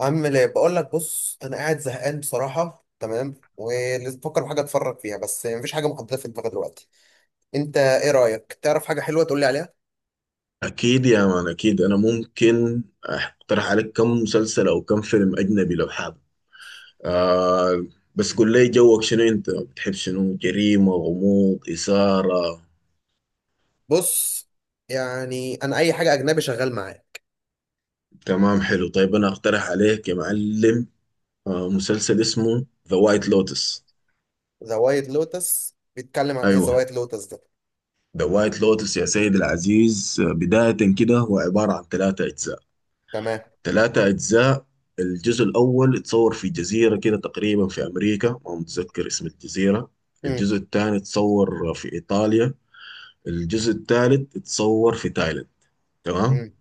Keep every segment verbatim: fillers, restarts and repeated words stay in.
عامل ايه؟ بقول لك بص، انا قاعد زهقان بصراحه. تمام، ولازم بفكر في حاجه اتفرج فيها بس مفيش حاجه محدده في دماغي دلوقتي. انت ايه رايك؟ تعرف حاجه حلوه تقول لي عليها؟ أكيد يا مان، أكيد. أنا ممكن أقترح عليك كم مسلسل أو كم فيلم أجنبي لو حابب. آه بس قول لي جوك شنو؟ أنت بتحب شنو؟ جريمة، غموض، إثارة؟ بص، يعني انا اي حاجه اجنبي شغال معايا. تمام، حلو. طيب أنا أقترح عليك يا معلم. آه مسلسل اسمه ذا وايت لوتس. ذا وايت لوتس بيتكلم عن ايه؟ ذا أيوه، وايت لوتس ده؟ ذا وايت لوتس يا سيدي العزيز، آه، بداية كده هو عبارة عن ثلاثة أجزاء. تمام. ثلاثة أجزاء. الجزء الأول اتصور في جزيرة كده تقريبا في أمريكا، ما متذكر اسم الجزيرة. امم. الجزء الثاني اتصور في إيطاليا. الجزء الثالث اتصور في تايلاند. تمام. امم.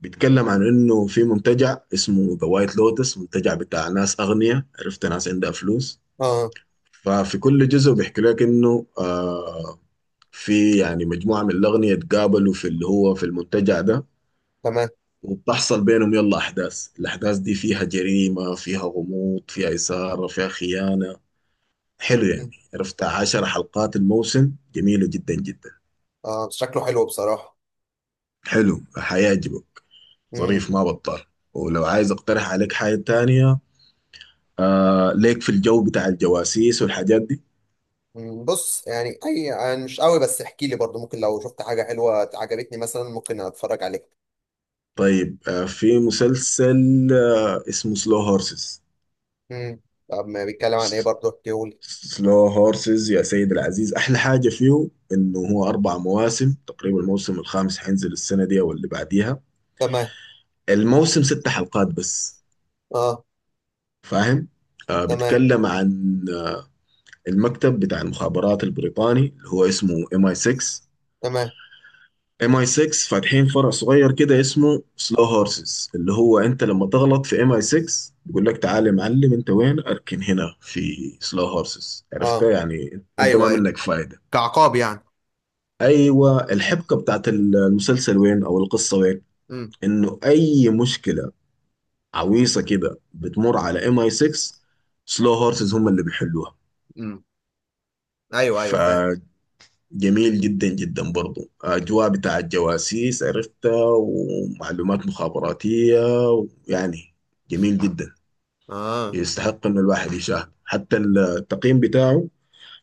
بيتكلم عن إنه في منتجع اسمه ذا وايت لوتس، منتجع بتاع ناس أغنياء، عرفت، ناس عندها فلوس. اه. ففي كل جزء بيحكي لك إنه آه في يعني مجموعة من الأغنياء اتقابلوا في اللي هو في المنتجع ده. تمام. وبتحصل بينهم يلا أحداث. الأحداث دي فيها جريمة، فيها غموض، فيها إثارة، فيها خيانة. حلو يعني، مم. عرفت، عشر حلقات الموسم، جميلة جدا جدا. اه، شكله حلو بصراحه. حلو، حيعجبك. امم. ظريف، ما بطال. ولو عايز أقترح عليك حاجة تانية، آه ليك في الجو بتاع الجواسيس والحاجات دي. بص يعني اي، يعني مش قوي، بس احكي لي برضو، ممكن لو شفت حاجه حلوه عجبتني مثلا ممكن اتفرج عليها. طيب آه في مسلسل آه اسمه سلو هورسز. مم. طب ما بيتكلم عن ايه برضه، احكيهولي. سلو هورسز يا سيد العزيز، احلى حاجه فيه انه هو اربع مواسم تقريبا، الموسم الخامس حينزل السنه دي او اللي بعديها. تمام. الموسم ست حلقات بس. اه. فاهم؟ آه تمام. بيتكلم عن المكتب بتاع المخابرات البريطاني اللي هو اسمه ام اي ستة. تمام. ام اي ستة فاتحين فرع صغير كده اسمه سلو هورسز، اللي هو انت لما تغلط في ام اي ستة بيقول لك تعالى يا معلم، انت وين؟ اركن هنا في سلو هورسز. عرفتها؟ اه. يعني انت ما ايوه ايوه، منك فايده. كعقاب يعني. ايوه. الحبكه بتاعت المسلسل وين او القصه وين؟ امم. انه اي مشكله عويصه كده بتمر على ام اي ستة، سلو هورسز هم اللي بيحلوها. امم. ايوه ايوه، فاهم. فجميل جدا جدا، برضو اجواء بتاع الجواسيس، عرفتها، ومعلومات مخابراتيه يعني. جميل جدا، اه. يستحق انه الواحد يشاهد. حتى التقييم بتاعه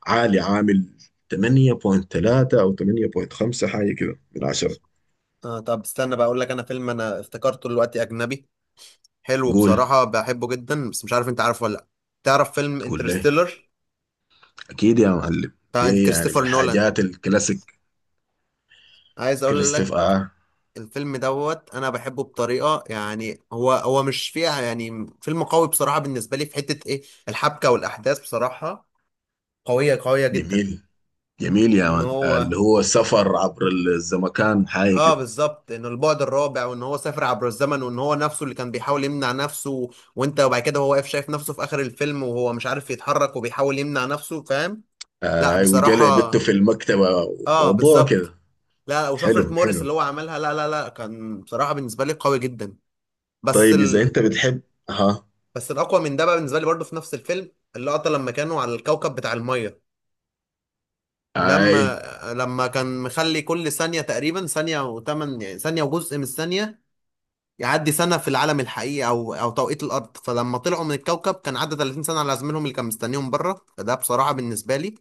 عالي، عامل ثمانية فاصلة ثلاثة او تمانية فاصلة خمسة حاجه كده من عشرة. اه، طب استنى بقى اقول لك، انا فيلم انا افتكرته دلوقتي اجنبي، حلو قول، بصراحه بحبه جدا بس مش عارف انت عارفه ولا لا. تعرف فيلم قول ليه. انترستيلر؟ أكيد يا معلم، بتاع دي يعني من كريستوفر نولان. الحاجات الكلاسيك. عايز اقول لك، كريستف، آه الفيلم دوت انا بحبه بطريقه، يعني هو هو مش فيها، يعني فيلم قوي بصراحه بالنسبه لي. في حته ايه؟ الحبكه والاحداث بصراحه قويه قويه جدا. جميل. جميل يا ان مان. آه، هو اللي هو سفر عبر الزمكان حاجة اه كده. بالظبط، انه البعد الرابع وان هو سافر عبر الزمن وان هو نفسه اللي كان بيحاول يمنع نفسه. وانت وبعد كده هو واقف شايف نفسه في اخر الفيلم وهو مش عارف يتحرك وبيحاول يمنع نفسه، فاهم. لا آه وجلع بصراحة. بنته في المكتبة اه وموضوع بالظبط. كده. لا، وشفرة حلو، موريس حلو. اللي هو عملها، لا لا لا، كان بصراحة بالنسبة لي قوي جدا. بس طيب إذا ال... أنت بتحب، أها. بس الاقوى من ده بقى بالنسبة لي برضه في نفس الفيلم، اللقطة لما كانوا على الكوكب بتاع المية. أي. لما لما كان مخلي كل ثانية تقريبا ثانية وثمان، يعني ثانية وجزء من الثانية يعدي سنة في العالم الحقيقي أو أو توقيت الأرض. فلما طلعوا من الكوكب كان عدى ثلاثين سنة على زميلهم اللي كان مستنيهم بره. فده بصراحة بالنسبة لي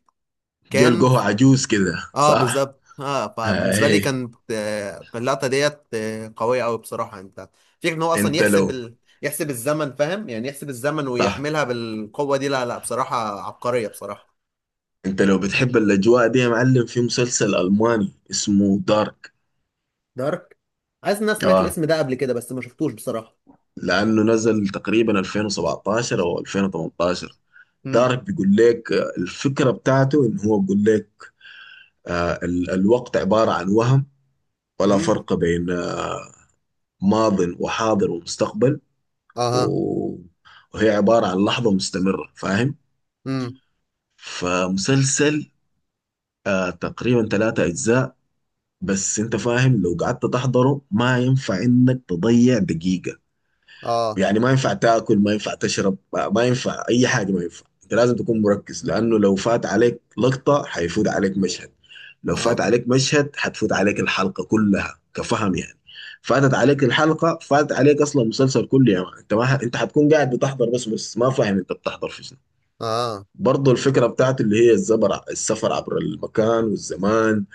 كان جلقه عجوز كده اه صح؟ بالظبط. اه، فبالنسبة لي أي. كانت آه، اللقطة ديت آه، قوية أوي بصراحة. أنت فكرة إن هو أصلا أنت يحسب لو ال... يحسب الزمن، فاهم يعني، يحسب الزمن صح. ويعملها بالقوة دي. لا لا، بصراحة عبقرية بصراحة. أنت لو بتحب الأجواء دي يا معلم، في مسلسل ألماني اسمه دارك. دارك. عايز، الناس سمعت آه الاسم ده قبل كده بس ما شفتوش بصراحة. لانه نزل تقريبا ألفين وسبعتاشر او ألفين وتمنتاشر. امم. دارك بيقول لك آه، الفكره بتاعته ان هو بيقول لك آه، ال- الوقت عباره عن وهم. ولا امم. فرق بين آه، ماض وحاضر ومستقبل. اها. و- وهي عباره عن لحظه مستمره، فاهم. امم. فمسلسل آه، تقريبا ثلاثة أجزاء. بس أنت فاهم، لو قعدت تحضره ما ينفع إنك تضيع دقيقة. اه. يعني ما ينفع تاكل، ما ينفع تشرب، ما ما ينفع اي حاجه، ما ينفع. انت لازم تكون مركز، لانه لو فات عليك لقطه حيفوت عليك مشهد، لو اه. فات عليك مشهد حتفوت عليك الحلقه كلها، كفهم يعني. فاتت عليك الحلقه، فات عليك اصلا مسلسل كله يا مان. انت ما ح... انت حتكون قاعد بتحضر بس بس ما فاهم انت بتحضر في شنو. اه. برضه الفكره بتاعته اللي هي الزبر، السفر عبر المكان والزمان،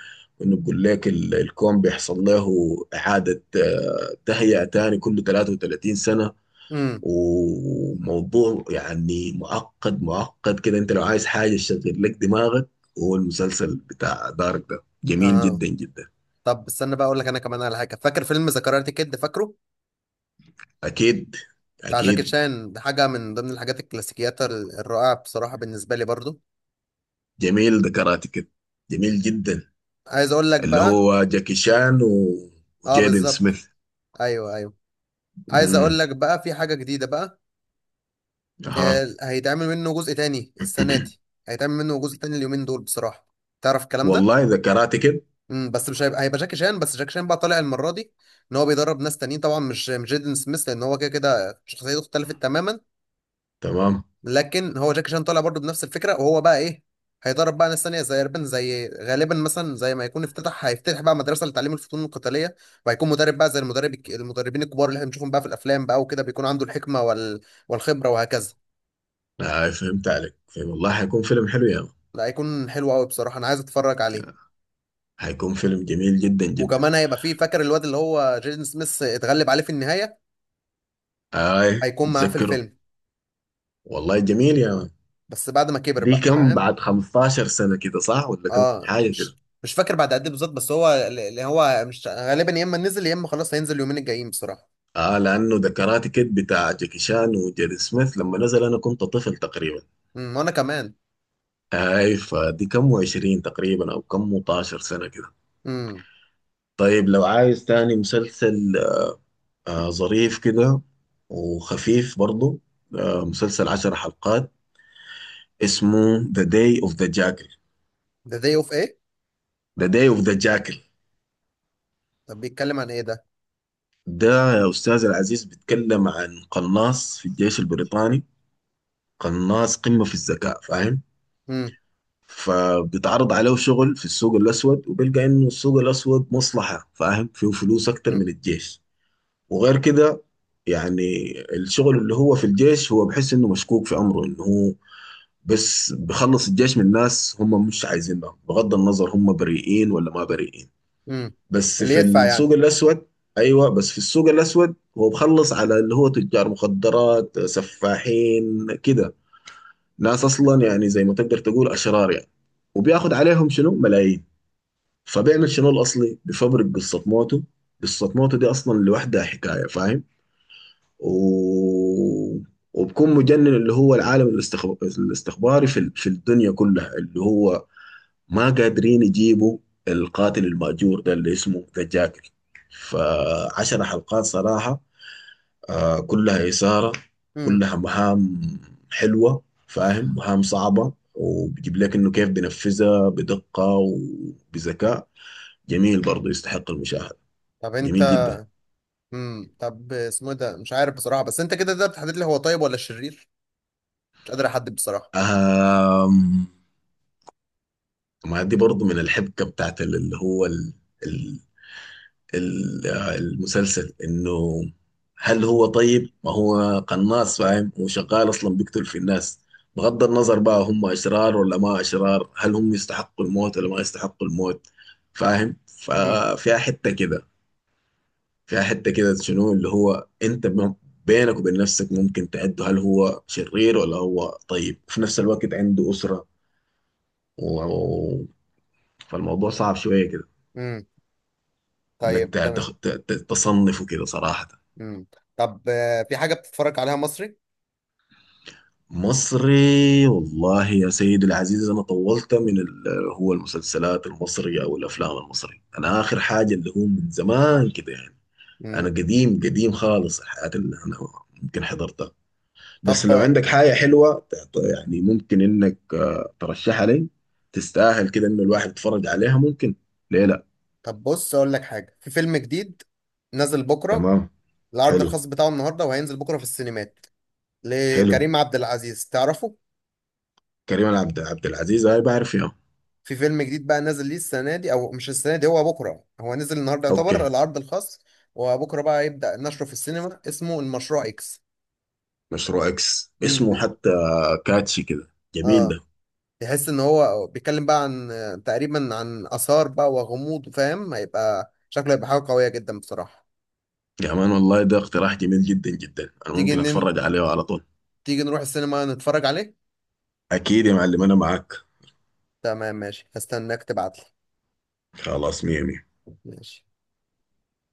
وانه بيقول لك ال- الكون بيحصل له اعاده، آه، تهيئه تاني كل تلاتة وتلاتين سنة سنه. امم. وموضوع يعني معقد معقد كده. انت لو عايز حاجة تشغل لك دماغك، هو المسلسل بتاع دارك ده جميل اها. جدا جدا. طب استنى بقى اقول لك انا كمان على حاجه. فاكر فيلم ذا كاراتي كيد؟ فاكره؟ اكيد، بتاع جاكي اكيد. شان، ده حاجه من ضمن الحاجات الكلاسيكيات ال- الرائعه بصراحه بالنسبه لي برضو. جميل، ده كراتي كده. جميل جدا. عايز اقول لك اللي بقى. هو جاكي شان و... اه وجيدن بالظبط. سميث. ايوه ايوه. عايز امم. اقول لك بقى في حاجه جديده بقى. اها. آه، هيتعمل منه جزء تاني السنه دي. هيتعمل منه جزء تاني اليومين دول بصراحه. تعرف الكلام ده؟ والله ده كراتي كده. امم، بس مش هيبقى، هيبقى جاكي شان بس، جاكي شان بقى طالع المره دي. ان هو بيدرب ناس تانيين، طبعا مش مش جيدن سميث، لان هو كده كده شخصيته اختلفت تماما. تمام. لكن هو جاكي شان طالع برضو بنفس الفكره، وهو بقى ايه، هيدرب بقى ناس تانية زي اربن، زي غالبا مثلا، زي ما يكون افتتح، هيفتتح بقى مدرسه لتعليم الفنون القتاليه. وهيكون مدرب بقى زي المدرب الك- المدربين الكبار اللي احنا بنشوفهم بقى في الافلام بقى وكده، بيكون عنده الحكمه وال... والخبره وهكذا. آه فهمت عليك، فهم. والله حيكون فيلم حلو يا مان. لا، هيكون حلو قوي بصراحه، انا عايز اتفرج عليه. حيكون فيلم جميل جدا جدا. وكمان هيبقى فيه، فاكر الواد اللي هو جيدن سميث اتغلب عليه في النهايه، اي، هيكون معاه في متذكره. الفيلم والله جميل يا مان. بس بعد ما كبر دي بقى، كم فاهم. بعد 15 سنة كده صح، ولا كم اه، حاجة كده؟ مش مش فاكر بعد قد ايه بالظبط، بس هو اللي هو مش غالبا، يا اما نزل يا اما خلاص هينزل اليومين الجايين بصراحه. اه، لأنه ده كاراتي كيد بتاع جاكي شان وجيري سميث، لما نزل أنا كنت طفل تقريبا. امم، وانا كمان. اي، فدي كم و20 تقريبا، أو كم و12 سنة كده. امم. طيب لو عايز تاني مسلسل، آه ظريف كده وخفيف برضه، آه مسلسل 10 حلقات اسمه ذا داي اوف ذا جاكل. ذا داي اوف ايه؟ ذا داي اوف ذا جاكل طب بيتكلم عن ايه ده؟ ده يا أستاذ العزيز بيتكلم عن قناص في الجيش البريطاني. قناص قمة في الذكاء، فاهم. امم. فبتعرض عليه شغل في السوق الأسود، وبيلقى إنه السوق الأسود مصلحة، فاهم، فيه فلوس أكتر امم. من الجيش. وغير كده يعني، الشغل اللي هو في الجيش هو بحس إنه مشكوك في أمره، إنه هو بس بخلص الجيش من ناس هم مش عايزينها، بغض النظر هم بريئين ولا ما بريئين. امم. بس اللي في يدفع السوق يعني. الأسود، أيوة، بس في السوق الأسود هو بخلص على اللي هو تجار مخدرات، سفاحين كده، ناس اصلا يعني زي ما تقدر تقول اشرار يعني. وبياخد عليهم شنو، ملايين. فبيعمل شنو الاصلي، بفبرك قصه موته. قصه موته دي اصلا لوحدها حكايه، فاهم. و... وبكون مجنن اللي هو العالم الاستخب... الاستخباري في ال- في الدنيا كلها، اللي هو ما قادرين يجيبوا القاتل المأجور ده اللي اسمه ذا جاكل. فعشر حلقات صراحه آه كلها إثارة، امم. كلها مهام حلوة، فاهم، مهام صعبة. وبيجيب لك إنه كيف بينفذها بدقة وبذكاء. جميل، برضو يستحق المشاهدة. طب انت. جميل جدا. امم، طب اسمه إيه ده؟ مش عارف بصراحه، بس انت كده تقدر تحدد لي هو طيب ولا شرير؟ مش قادر احدد بصراحه. آم. ما دي برضو من الحبكة بتاعت اللي هو ال- ال- آه، المسلسل، انه هل هو طيب؟ ما هو قناص، فاهم، هو شغال اصلا بيقتل في الناس، بغض النظر بقى هم اشرار ولا ما اشرار، هل هم يستحقوا الموت ولا ما يستحقوا الموت. فاهم، امم. ففيها حتة كده. فيها حتة كده شنو، اللي هو انت ب- بينك وبين نفسك ممكن تعده هل هو شرير ولا هو طيب، وفي نفس الوقت عنده أسرة. و... و- فالموضوع صعب شوية كده، امم، انك طيب ت- تخ- تمام. ت- ت- تصنفه كده صراحة. امم، طب آه، في حاجه بتتفرج عليها مصري؟ مصري. والله يا سيدي العزيز، أنا طولت من ال- هو المسلسلات المصري أو الأفلام المصري، أنا آخر حاجة اللي هو من زمان كده يعني. أنا امم. قديم قديم خالص، الحياة اللي أنا ممكن حضرتها. بس لو طب. عندك حاجة حلوة تعط- يعني ممكن إنك آه، ترشحها لي، تستاهل كده إنه الواحد يتفرج عليها، ممكن، ليه لأ. طب بص اقول لك حاجه، في فيلم جديد نازل بكره. تمام. العرض حلو. الخاص بتاعه النهارده وهينزل بكره في السينمات. حلو. لكريم عبد العزيز، تعرفه؟ كريم عبد عبد العزيز؟ هاي، بعرف يا. في فيلم جديد بقى نازل ليه السنه دي، او مش السنه دي، هو بكره، هو نزل النهارده يعتبر أوكي. العرض الخاص، وبكره بقى يبدا نشره في السينما. اسمه المشروع اكس. مشروع إكس امم اسمه ب- حتى؟ كاتشي كده، جميل اه، ده. تحس ان هو بيتكلم بقى عن تقريبا عن اثار بقى وغموض، فاهم، هيبقى شكله هيبقى حاجه قويه جدا بصراحه. يا مان والله ده اقتراح جميل جدا جدا، انا تيجي ممكن نن... اتفرج عليه على طول. تيجي نروح السينما نتفرج عليه. اكيد يا معلم، انا معاك. تمام ماشي، هستناك تبعتلي. خلاص، مية مية. ماشي.